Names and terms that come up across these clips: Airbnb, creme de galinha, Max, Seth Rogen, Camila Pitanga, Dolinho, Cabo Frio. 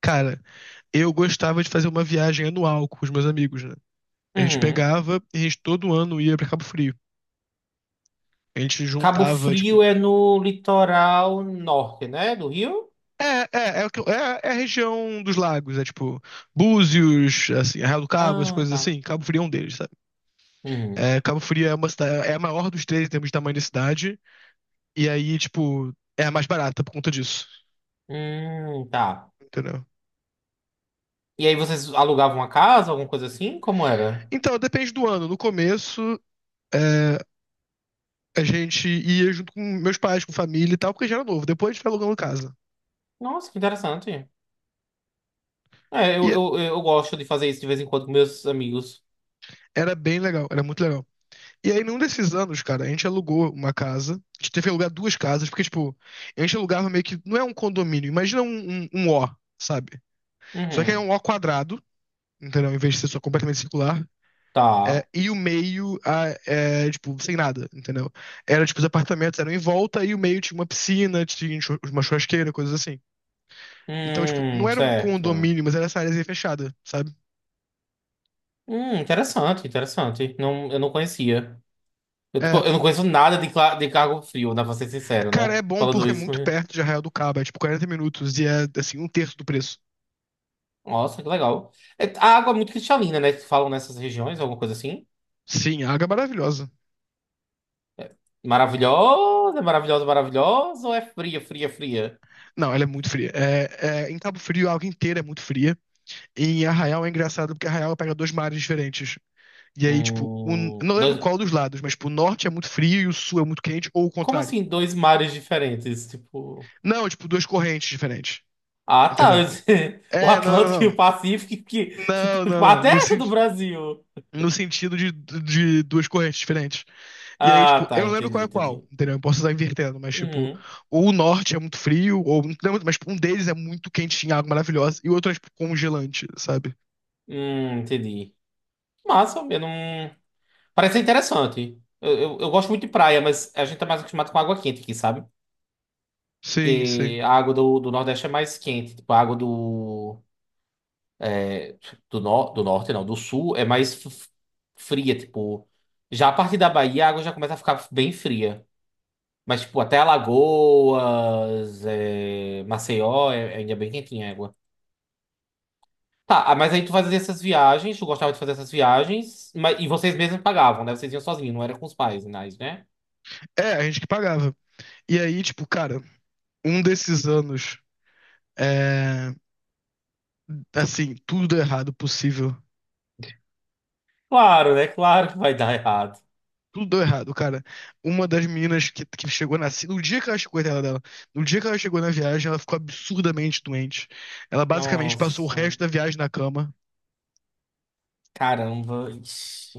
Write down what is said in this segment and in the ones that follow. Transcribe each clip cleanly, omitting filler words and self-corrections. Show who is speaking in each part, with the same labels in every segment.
Speaker 1: Cara, eu gostava de fazer uma viagem anual com os meus amigos, né? A gente
Speaker 2: Uhum.
Speaker 1: pegava e a gente todo ano ia pra Cabo Frio. A gente
Speaker 2: Cabo
Speaker 1: juntava, tipo.
Speaker 2: Frio é no litoral norte, né? Do Rio?
Speaker 1: É, é, a região dos lagos, é tipo Búzios, assim, Arraial do Cabo, as
Speaker 2: Ah,
Speaker 1: coisas
Speaker 2: tá.
Speaker 1: assim. Cabo Frio é um deles, sabe?
Speaker 2: Uhum.
Speaker 1: É, Cabo Frio é uma cidade, é a maior dos três em termos de tamanho da cidade, e aí, tipo, é a mais barata por conta disso,
Speaker 2: Tá.
Speaker 1: entendeu?
Speaker 2: E aí vocês alugavam uma casa, alguma coisa assim? Como era?
Speaker 1: Então, depende do ano. No começo, é, a gente ia junto com meus pais, com família e tal, porque já era novo. Depois a gente foi alugando casa.
Speaker 2: Nossa, que interessante. É, eu,
Speaker 1: E
Speaker 2: eu, eu gosto de fazer isso de vez em quando com meus amigos.
Speaker 1: Era bem legal, era muito legal. E aí, num desses anos, cara, a gente alugou uma casa. A gente teve que alugar duas casas, porque, tipo, a gente alugava meio que. Não é um condomínio, imagina um O, sabe? Só que é
Speaker 2: Uhum.
Speaker 1: um O quadrado, entendeu? Em vez de ser só completamente circular.
Speaker 2: Tá.
Speaker 1: E o meio, tipo, sem nada, entendeu? Era, tipo, os apartamentos eram em volta e o meio tinha uma piscina, tinha uma churrasqueira, coisas assim. Então, tipo, não era um
Speaker 2: Certo.
Speaker 1: condomínio, mas era essa área fechada, sabe?
Speaker 2: Interessante, interessante. Não, eu não conhecia. Eu, tipo,
Speaker 1: É,
Speaker 2: eu não conheço nada de Cabo Frio, dá pra ser sincero,
Speaker 1: Cara, é
Speaker 2: né?
Speaker 1: bom
Speaker 2: Falando
Speaker 1: porque é
Speaker 2: isso.
Speaker 1: muito perto de Arraial do Cabo, é tipo 40 minutos e é assim, um terço do preço.
Speaker 2: Nossa, que legal. É, a água é muito cristalina, né? Que falam nessas regiões, alguma coisa assim.
Speaker 1: Sim, a água é maravilhosa.
Speaker 2: Maravilhosa, maravilhosa, maravilhosa, ou é fria, fria, fria?
Speaker 1: Não, ela é muito fria. Em Cabo Frio a água inteira é muito fria. E em Arraial é engraçado porque Arraial pega dois mares diferentes. E aí, tipo, não lembro
Speaker 2: Dois.
Speaker 1: qual dos lados, mas tipo, o norte é muito frio e o sul é muito quente, ou o
Speaker 2: Como
Speaker 1: contrário.
Speaker 2: assim, dois mares diferentes? Tipo.
Speaker 1: Não, tipo, duas correntes diferentes.
Speaker 2: Ah, tá.
Speaker 1: Entendeu?
Speaker 2: O
Speaker 1: É, não,
Speaker 2: Atlântico e
Speaker 1: não,
Speaker 2: o
Speaker 1: não.
Speaker 2: Pacífico, que, que,
Speaker 1: Não,
Speaker 2: que
Speaker 1: não, não.
Speaker 2: parte
Speaker 1: No,
Speaker 2: é essa
Speaker 1: sen-
Speaker 2: do Brasil?
Speaker 1: No sentido de duas correntes diferentes. E aí,
Speaker 2: Ah,
Speaker 1: tipo,
Speaker 2: tá,
Speaker 1: eu não lembro
Speaker 2: entendi,
Speaker 1: qual é qual,
Speaker 2: entendi.
Speaker 1: entendeu? Eu posso estar invertendo, mas, tipo,
Speaker 2: Uhum.
Speaker 1: ou o norte é muito frio, ou não lembro, mas tipo, um deles é muito quentinho, água maravilhosa, e o outro é, tipo, congelante, sabe?
Speaker 2: Entendi. Massa, eu não. Parece ser interessante. Eu gosto muito de praia, mas a gente tá mais acostumado com água quente aqui, sabe?
Speaker 1: Sim, sim.
Speaker 2: Porque a água do Nordeste é mais quente. Tipo, a água é, do Norte, não, do Sul é mais fria. Tipo, já a partir da Bahia a água já começa a ficar bem fria. Mas, tipo, até Alagoas, Maceió, ainda é bem quentinha a água. Tá, ah, mas aí tu fazia essas viagens, tu gostava de fazer essas viagens, mas, e vocês mesmos pagavam, né? Vocês iam sozinhos, não era com os pais, mas, né?
Speaker 1: É, a gente que pagava. E aí, tipo, cara, um desses anos, é, assim, tudo deu errado possível.
Speaker 2: Claro, né? Claro que vai dar errado.
Speaker 1: Tudo deu errado, cara. Uma das meninas que chegou na. No dia que ela chegou, coitada dela, no dia que ela chegou na viagem, ela ficou absurdamente doente. Ela basicamente passou o
Speaker 2: Nossa.
Speaker 1: resto da viagem na cama.
Speaker 2: Caramba, ixi.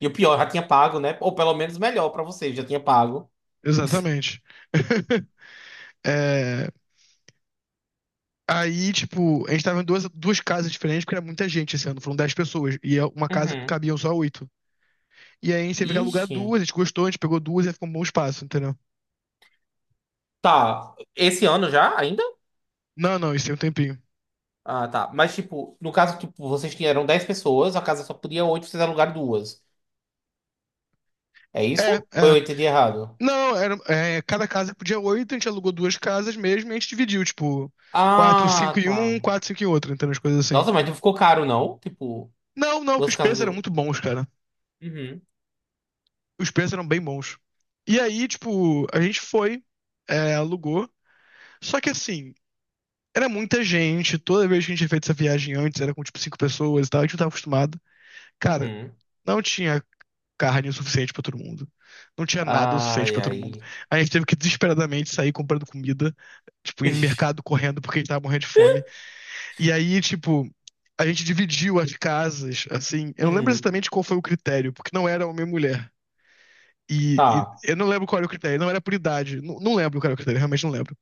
Speaker 2: E o pior, já tinha pago, né? Ou pelo menos melhor pra você, já tinha pago.
Speaker 1: Exatamente. É, Aí, tipo, a gente tava em duas casas diferentes, porque era muita gente esse ano, foram 10 pessoas. Uma casa
Speaker 2: Uhum.
Speaker 1: cabiam só oito. E aí a gente teve que alugar
Speaker 2: Ixi.
Speaker 1: duas, a gente gostou, a gente pegou duas e ficou um bom espaço, entendeu?
Speaker 2: Tá, esse ano já, ainda?
Speaker 1: Não, não, isso tem um tempinho.
Speaker 2: Ah, tá. Mas, tipo, no caso, tipo, vocês tinham 10 pessoas, a casa só podia 8. Vocês alugaram duas. É
Speaker 1: É,
Speaker 2: isso? Ou
Speaker 1: é.
Speaker 2: eu entendi errado?
Speaker 1: Não, era, é, cada casa podia oito, a gente alugou duas casas mesmo e a gente dividiu, tipo, quatro, cinco
Speaker 2: Ah,
Speaker 1: em
Speaker 2: tá.
Speaker 1: um, quatro, cinco em outro, entendeu? As coisas assim.
Speaker 2: Nossa, mas não ficou caro, não? Tipo,
Speaker 1: Não, não, que
Speaker 2: duas
Speaker 1: os
Speaker 2: casas
Speaker 1: preços
Speaker 2: de
Speaker 1: eram
Speaker 2: oito.
Speaker 1: muito bons, cara.
Speaker 2: Uhum,
Speaker 1: Os preços eram bem bons. E aí, tipo, a gente foi, é, alugou. Só que assim, era muita gente, toda vez que a gente tinha feito essa viagem antes, era com tipo cinco pessoas e tal, a gente não tava acostumado. Cara,
Speaker 2: uhum.
Speaker 1: não tinha carne o suficiente pra todo mundo. Não tinha nada o suficiente
Speaker 2: Ai,
Speaker 1: pra todo mundo.
Speaker 2: ai.
Speaker 1: A gente teve que desesperadamente sair comprando comida, tipo, ir no
Speaker 2: Ixi.
Speaker 1: mercado correndo porque a gente tava morrendo de fome. E aí, tipo, a gente dividiu as casas, assim. Eu não lembro
Speaker 2: Uhum.
Speaker 1: exatamente qual foi o critério, porque não era homem e mulher. E,
Speaker 2: Tá.
Speaker 1: e eu não lembro qual era o critério, não era por idade. Não, não lembro qual era o critério, realmente não lembro.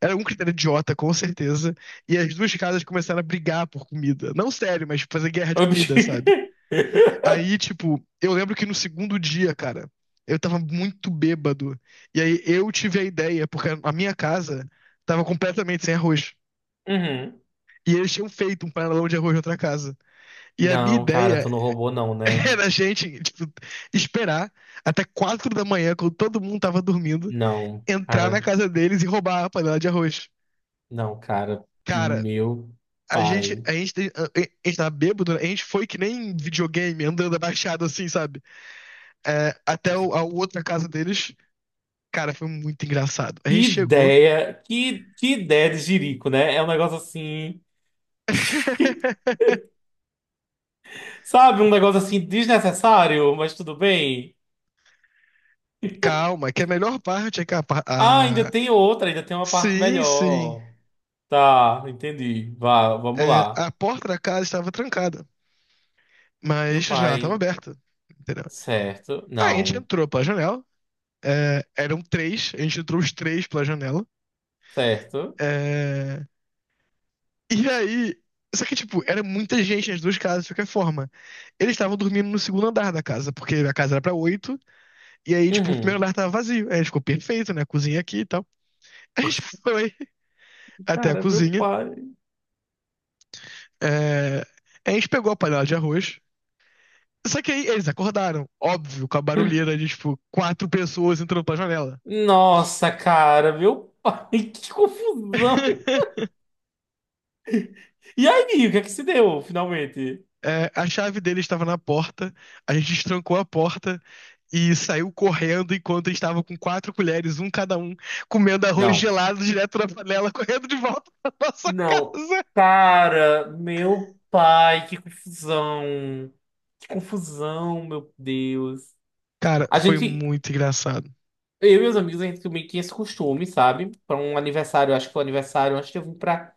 Speaker 1: Era um critério idiota, com certeza. E as duas casas começaram a brigar por comida. Não sério, mas tipo, fazer guerra de comida, sabe? Aí, tipo, eu lembro que no segundo dia, cara, eu tava muito bêbado. E aí eu tive a ideia, porque a minha casa tava completamente sem arroz.
Speaker 2: Uhum.
Speaker 1: E eles tinham feito um panelão de arroz na outra casa. E a minha
Speaker 2: Não, cara,
Speaker 1: ideia
Speaker 2: tu não roubou não, né?
Speaker 1: era a gente, tipo, esperar até 4 da manhã, quando todo mundo tava dormindo,
Speaker 2: Não,
Speaker 1: entrar na
Speaker 2: cara,
Speaker 1: casa deles e roubar a panela de arroz.
Speaker 2: não, cara,
Speaker 1: Cara,
Speaker 2: meu
Speaker 1: A gente,
Speaker 2: pai.
Speaker 1: a gente, tem- a a gente tava bêbado, né? A gente foi que nem videogame, andando abaixado assim, sabe? É, a outra casa deles. Cara, foi muito engraçado. A gente
Speaker 2: Que
Speaker 1: chegou.
Speaker 2: ideia, que ideia de jirico, né? É um negócio assim, sabe, um negócio assim desnecessário, mas tudo bem.
Speaker 1: Calma, que a melhor parte é que
Speaker 2: Ah, ainda tem outra, ainda tem uma parte
Speaker 1: sim, sim.
Speaker 2: melhor. Tá, entendi. Vá, vamos
Speaker 1: É,
Speaker 2: lá.
Speaker 1: a porta da casa estava trancada,
Speaker 2: Meu
Speaker 1: mas a janela estava
Speaker 2: pai,
Speaker 1: aberta, entendeu?
Speaker 2: certo?
Speaker 1: Aí a gente
Speaker 2: Não,
Speaker 1: entrou pela janela, eram três, a gente entrou os três pela janela.
Speaker 2: certo?
Speaker 1: é, E aí, só que tipo, era muita gente nas duas casas de qualquer forma. Eles estavam dormindo no segundo andar da casa, porque a casa era pra oito, e aí, tipo, o primeiro
Speaker 2: Uhum.
Speaker 1: andar tava vazio. Aí ficou perfeito, né? Cozinha aqui e tal. A gente foi até a
Speaker 2: Cara, meu
Speaker 1: cozinha,
Speaker 2: pai.
Speaker 1: é, a gente pegou a panela de arroz. Só que aí eles acordaram, óbvio, com a barulheira de, tipo, quatro pessoas entrando pela janela.
Speaker 2: Nossa, cara, meu pai, que confusão. E aí, o que é que se deu, finalmente?
Speaker 1: É, a chave dele estava na porta, a gente destrancou a porta e saiu correndo enquanto estava com quatro colheres, um cada um, comendo arroz
Speaker 2: Não.
Speaker 1: gelado direto na panela, correndo de volta pra nossa
Speaker 2: Não.
Speaker 1: casa.
Speaker 2: Cara, meu pai, que confusão. Que confusão, meu Deus.
Speaker 1: Cara,
Speaker 2: A
Speaker 1: foi
Speaker 2: gente,
Speaker 1: muito engraçado.
Speaker 2: eu e meus amigos, a gente meio que tinha esse costume, sabe? Pra um aniversário, acho que foi o aniversário antes de eu vir pra.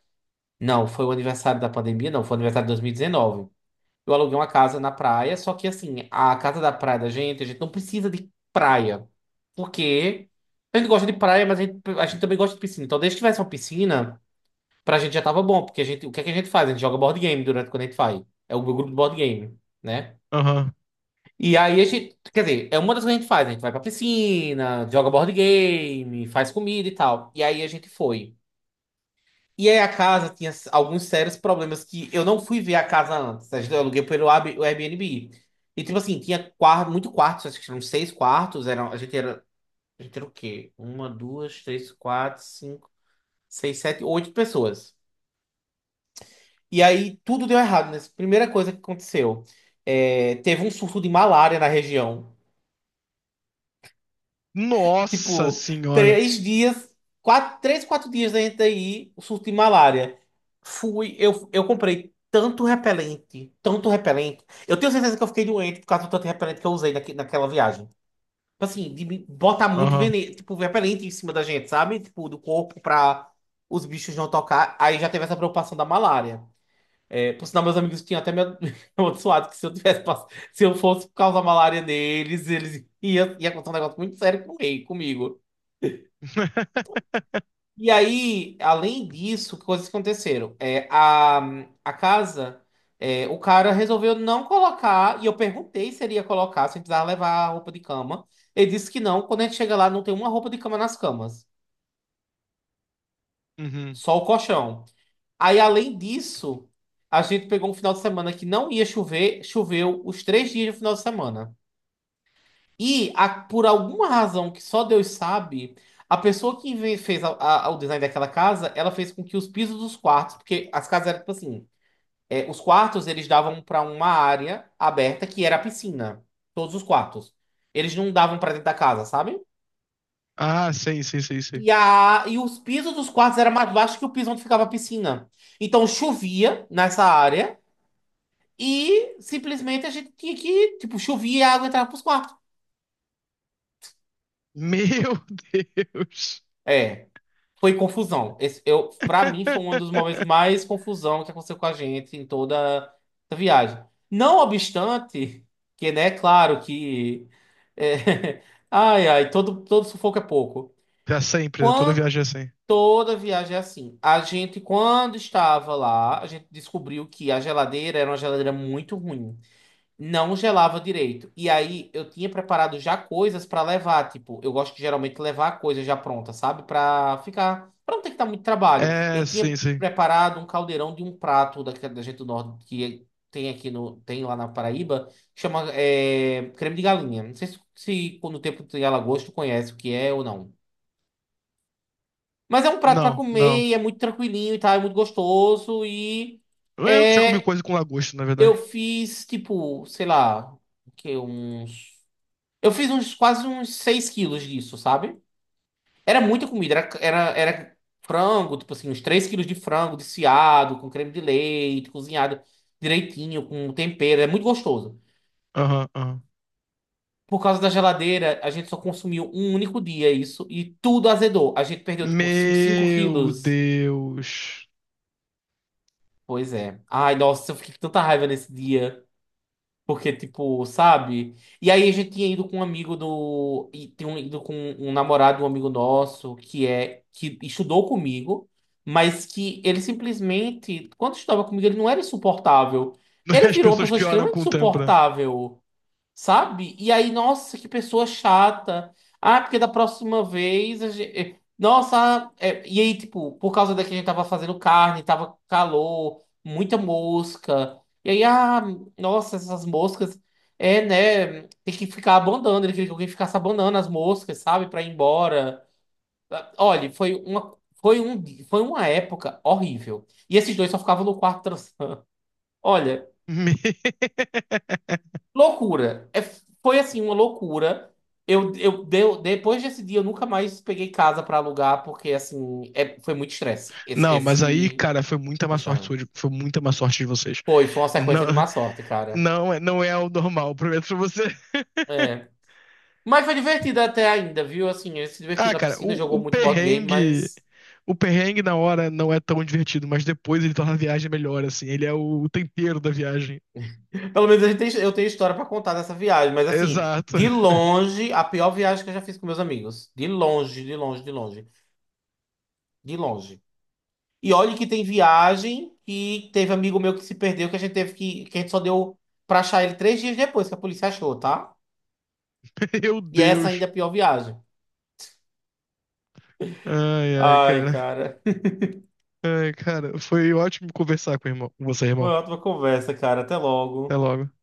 Speaker 2: Não, foi o aniversário da pandemia, não, foi o aniversário de 2019. Eu aluguei uma casa na praia, só que assim, a casa da praia da gente, a gente não precisa de praia. Porque a gente gosta de praia, mas a gente também gosta de piscina. Então, desde que tivesse uma piscina. Pra gente já tava bom, porque a gente, o que é que a gente faz? A gente joga board game durante quando a gente vai. É o meu grupo de board game, né?
Speaker 1: Aham.
Speaker 2: E aí a gente, quer dizer, é uma das coisas que a gente faz. A gente vai pra piscina, joga board game, faz comida e tal. E aí a gente foi. E aí a casa tinha alguns sérios problemas que eu não fui ver a casa antes. Eu aluguei pelo o Airbnb. E tipo assim, tinha quarto, muito quartos, acho que eram seis quartos. Eram, a gente era o quê? Uma, duas, três, quatro, cinco, seis, sete, oito pessoas. E aí tudo deu errado, né? Primeira coisa que aconteceu, teve um surto de malária na região.
Speaker 1: Nossa
Speaker 2: Tipo,
Speaker 1: senhora.
Speaker 2: três dias, quatro, três, quatro dias da gente aí, o surto de malária. Fui, eu comprei tanto repelente, tanto repelente. Eu tenho certeza que eu fiquei doente por causa do tanto repelente que eu usei naquela viagem. Tipo assim, de me botar muito
Speaker 1: Aham.
Speaker 2: veneno, tipo, repelente em cima da gente, sabe? Tipo, do corpo pra os bichos não tocar. Aí já teve essa preocupação da malária. É, por sinal, meus amigos tinham até me amaldiçoado que se eu tivesse se eu fosse causar malária neles, eles ia acontecer um negócio muito sério com ele, comigo. E aí, além disso, que coisas que aconteceram. A casa, o cara resolveu não colocar, e eu perguntei se ele ia colocar, se precisava levar a roupa de cama. Ele disse que não, quando a gente chega lá, não tem uma roupa de cama nas camas,
Speaker 1: Uhum.
Speaker 2: só o colchão. Aí, além disso, a gente pegou um final de semana que não ia chover, choveu os três dias do final de semana. E por alguma razão que só Deus sabe, a pessoa que fez o design daquela casa, ela fez com que os pisos dos quartos, porque as casas eram tipo assim, os quartos eles davam para uma área aberta que era a piscina, todos os quartos. Eles não davam para dentro da casa, sabe?
Speaker 1: Ah, sei, sei, sei, sei.
Speaker 2: E os pisos dos quartos eram mais baixos que o piso onde ficava a piscina. Então chovia nessa área e simplesmente a gente tinha que, tipo, chovia e a água entrava pros quartos.
Speaker 1: Meu Deus.
Speaker 2: É. Foi confusão. Esse, eu, para mim, foi um dos momentos mais confusão que aconteceu com a gente em toda a viagem. Não obstante, que, né, claro que. é, Ai, ai, todo sufoco é pouco.
Speaker 1: É sempre, né? Toda
Speaker 2: Quando,
Speaker 1: viagem é assim.
Speaker 2: toda viagem é assim. A gente, quando estava lá, a gente descobriu que a geladeira era uma geladeira muito ruim, não gelava direito. E aí eu tinha preparado já coisas pra levar, tipo, eu gosto de geralmente levar coisas já pronta, sabe? Pra ficar, pra não ter que dar muito trabalho.
Speaker 1: É,
Speaker 2: Eu tinha
Speaker 1: sim, sim.
Speaker 2: preparado um caldeirão de um prato da gente do norte que tem aqui no tem lá na Paraíba, que chama creme de galinha. Não sei se no tempo de Alagoas tu conhece o que é ou não. Mas é um prato pra
Speaker 1: Não, não.
Speaker 2: comer, e é muito tranquilinho e tal, é muito gostoso e
Speaker 1: Eu já comi
Speaker 2: é,
Speaker 1: coisa com lagosta, na verdade.
Speaker 2: eu fiz tipo, sei lá, o que uns eu fiz uns quase uns 6 quilos disso, sabe? Era muita comida, era frango, tipo assim, uns 3 quilos de frango desfiado, com creme de leite, cozinhado direitinho, com tempero, é muito gostoso.
Speaker 1: Aham, aham.
Speaker 2: Por causa da geladeira, a gente só consumiu um único dia isso e tudo azedou. A gente perdeu, tipo, uns 5
Speaker 1: Meu
Speaker 2: quilos.
Speaker 1: Deus.
Speaker 2: Pois é. Ai, nossa, eu fiquei com tanta raiva nesse dia. Porque, tipo, sabe? E aí a gente tinha ido com um amigo do. E tinha ido com um namorado, um amigo nosso, que é. Que estudou comigo, mas que ele simplesmente. Quando estudava comigo, ele não era insuportável. Ele
Speaker 1: As
Speaker 2: virou uma
Speaker 1: pessoas
Speaker 2: pessoa
Speaker 1: pioram
Speaker 2: extremamente
Speaker 1: com o tempo, né?
Speaker 2: insuportável. Sabe? E aí, nossa, que pessoa chata. Ah, porque da próxima vez a gente. Nossa, e aí, tipo, por causa da que a gente tava fazendo carne, tava calor, muita mosca. E aí, ah, nossa, essas moscas. É, né? Tem que ficar abandonando, ele queria que alguém ficasse abandonando as moscas, sabe? Pra ir embora. Ah, olha, foi uma, foi um, foi uma época horrível. E esses dois só ficavam no quarto transando. Olha.
Speaker 1: Me-
Speaker 2: Loucura. É, foi assim, uma loucura. Depois desse dia, eu nunca mais peguei casa pra alugar, porque assim, foi muito estresse.
Speaker 1: Não, mas aí, cara, foi muita má sorte
Speaker 2: Sabe?
Speaker 1: sua, foi muita má sorte de vocês.
Speaker 2: Foi uma
Speaker 1: Não,
Speaker 2: sequência de má sorte, cara.
Speaker 1: não, não é o normal, prometo pra você.
Speaker 2: É. Mas foi divertido até ainda, viu? Assim, ele se divertiu
Speaker 1: Ah,
Speaker 2: na
Speaker 1: cara,
Speaker 2: piscina, jogou
Speaker 1: o
Speaker 2: muito board game,
Speaker 1: perrengue.
Speaker 2: mas
Speaker 1: O perrengue na hora não é tão divertido, mas depois ele torna a viagem melhor, assim. Ele é o tempero da viagem.
Speaker 2: pelo menos eu tenho história pra contar dessa viagem. Mas assim,
Speaker 1: Exato.
Speaker 2: de longe, a pior viagem que eu já fiz com meus amigos. De longe, de longe, de longe, de longe. E olha que tem viagem que teve amigo meu que se perdeu, que a gente teve que a gente só deu pra achar ele 3 dias depois que a polícia achou, tá?
Speaker 1: Meu
Speaker 2: E essa ainda
Speaker 1: Deus.
Speaker 2: é a pior viagem.
Speaker 1: Ai, ai,
Speaker 2: Ai,
Speaker 1: cara.
Speaker 2: cara.
Speaker 1: Ai, cara, foi ótimo conversar com, o irmão, com você,
Speaker 2: Foi
Speaker 1: irmão.
Speaker 2: uma ótima conversa, cara. Até
Speaker 1: Até
Speaker 2: logo.
Speaker 1: logo.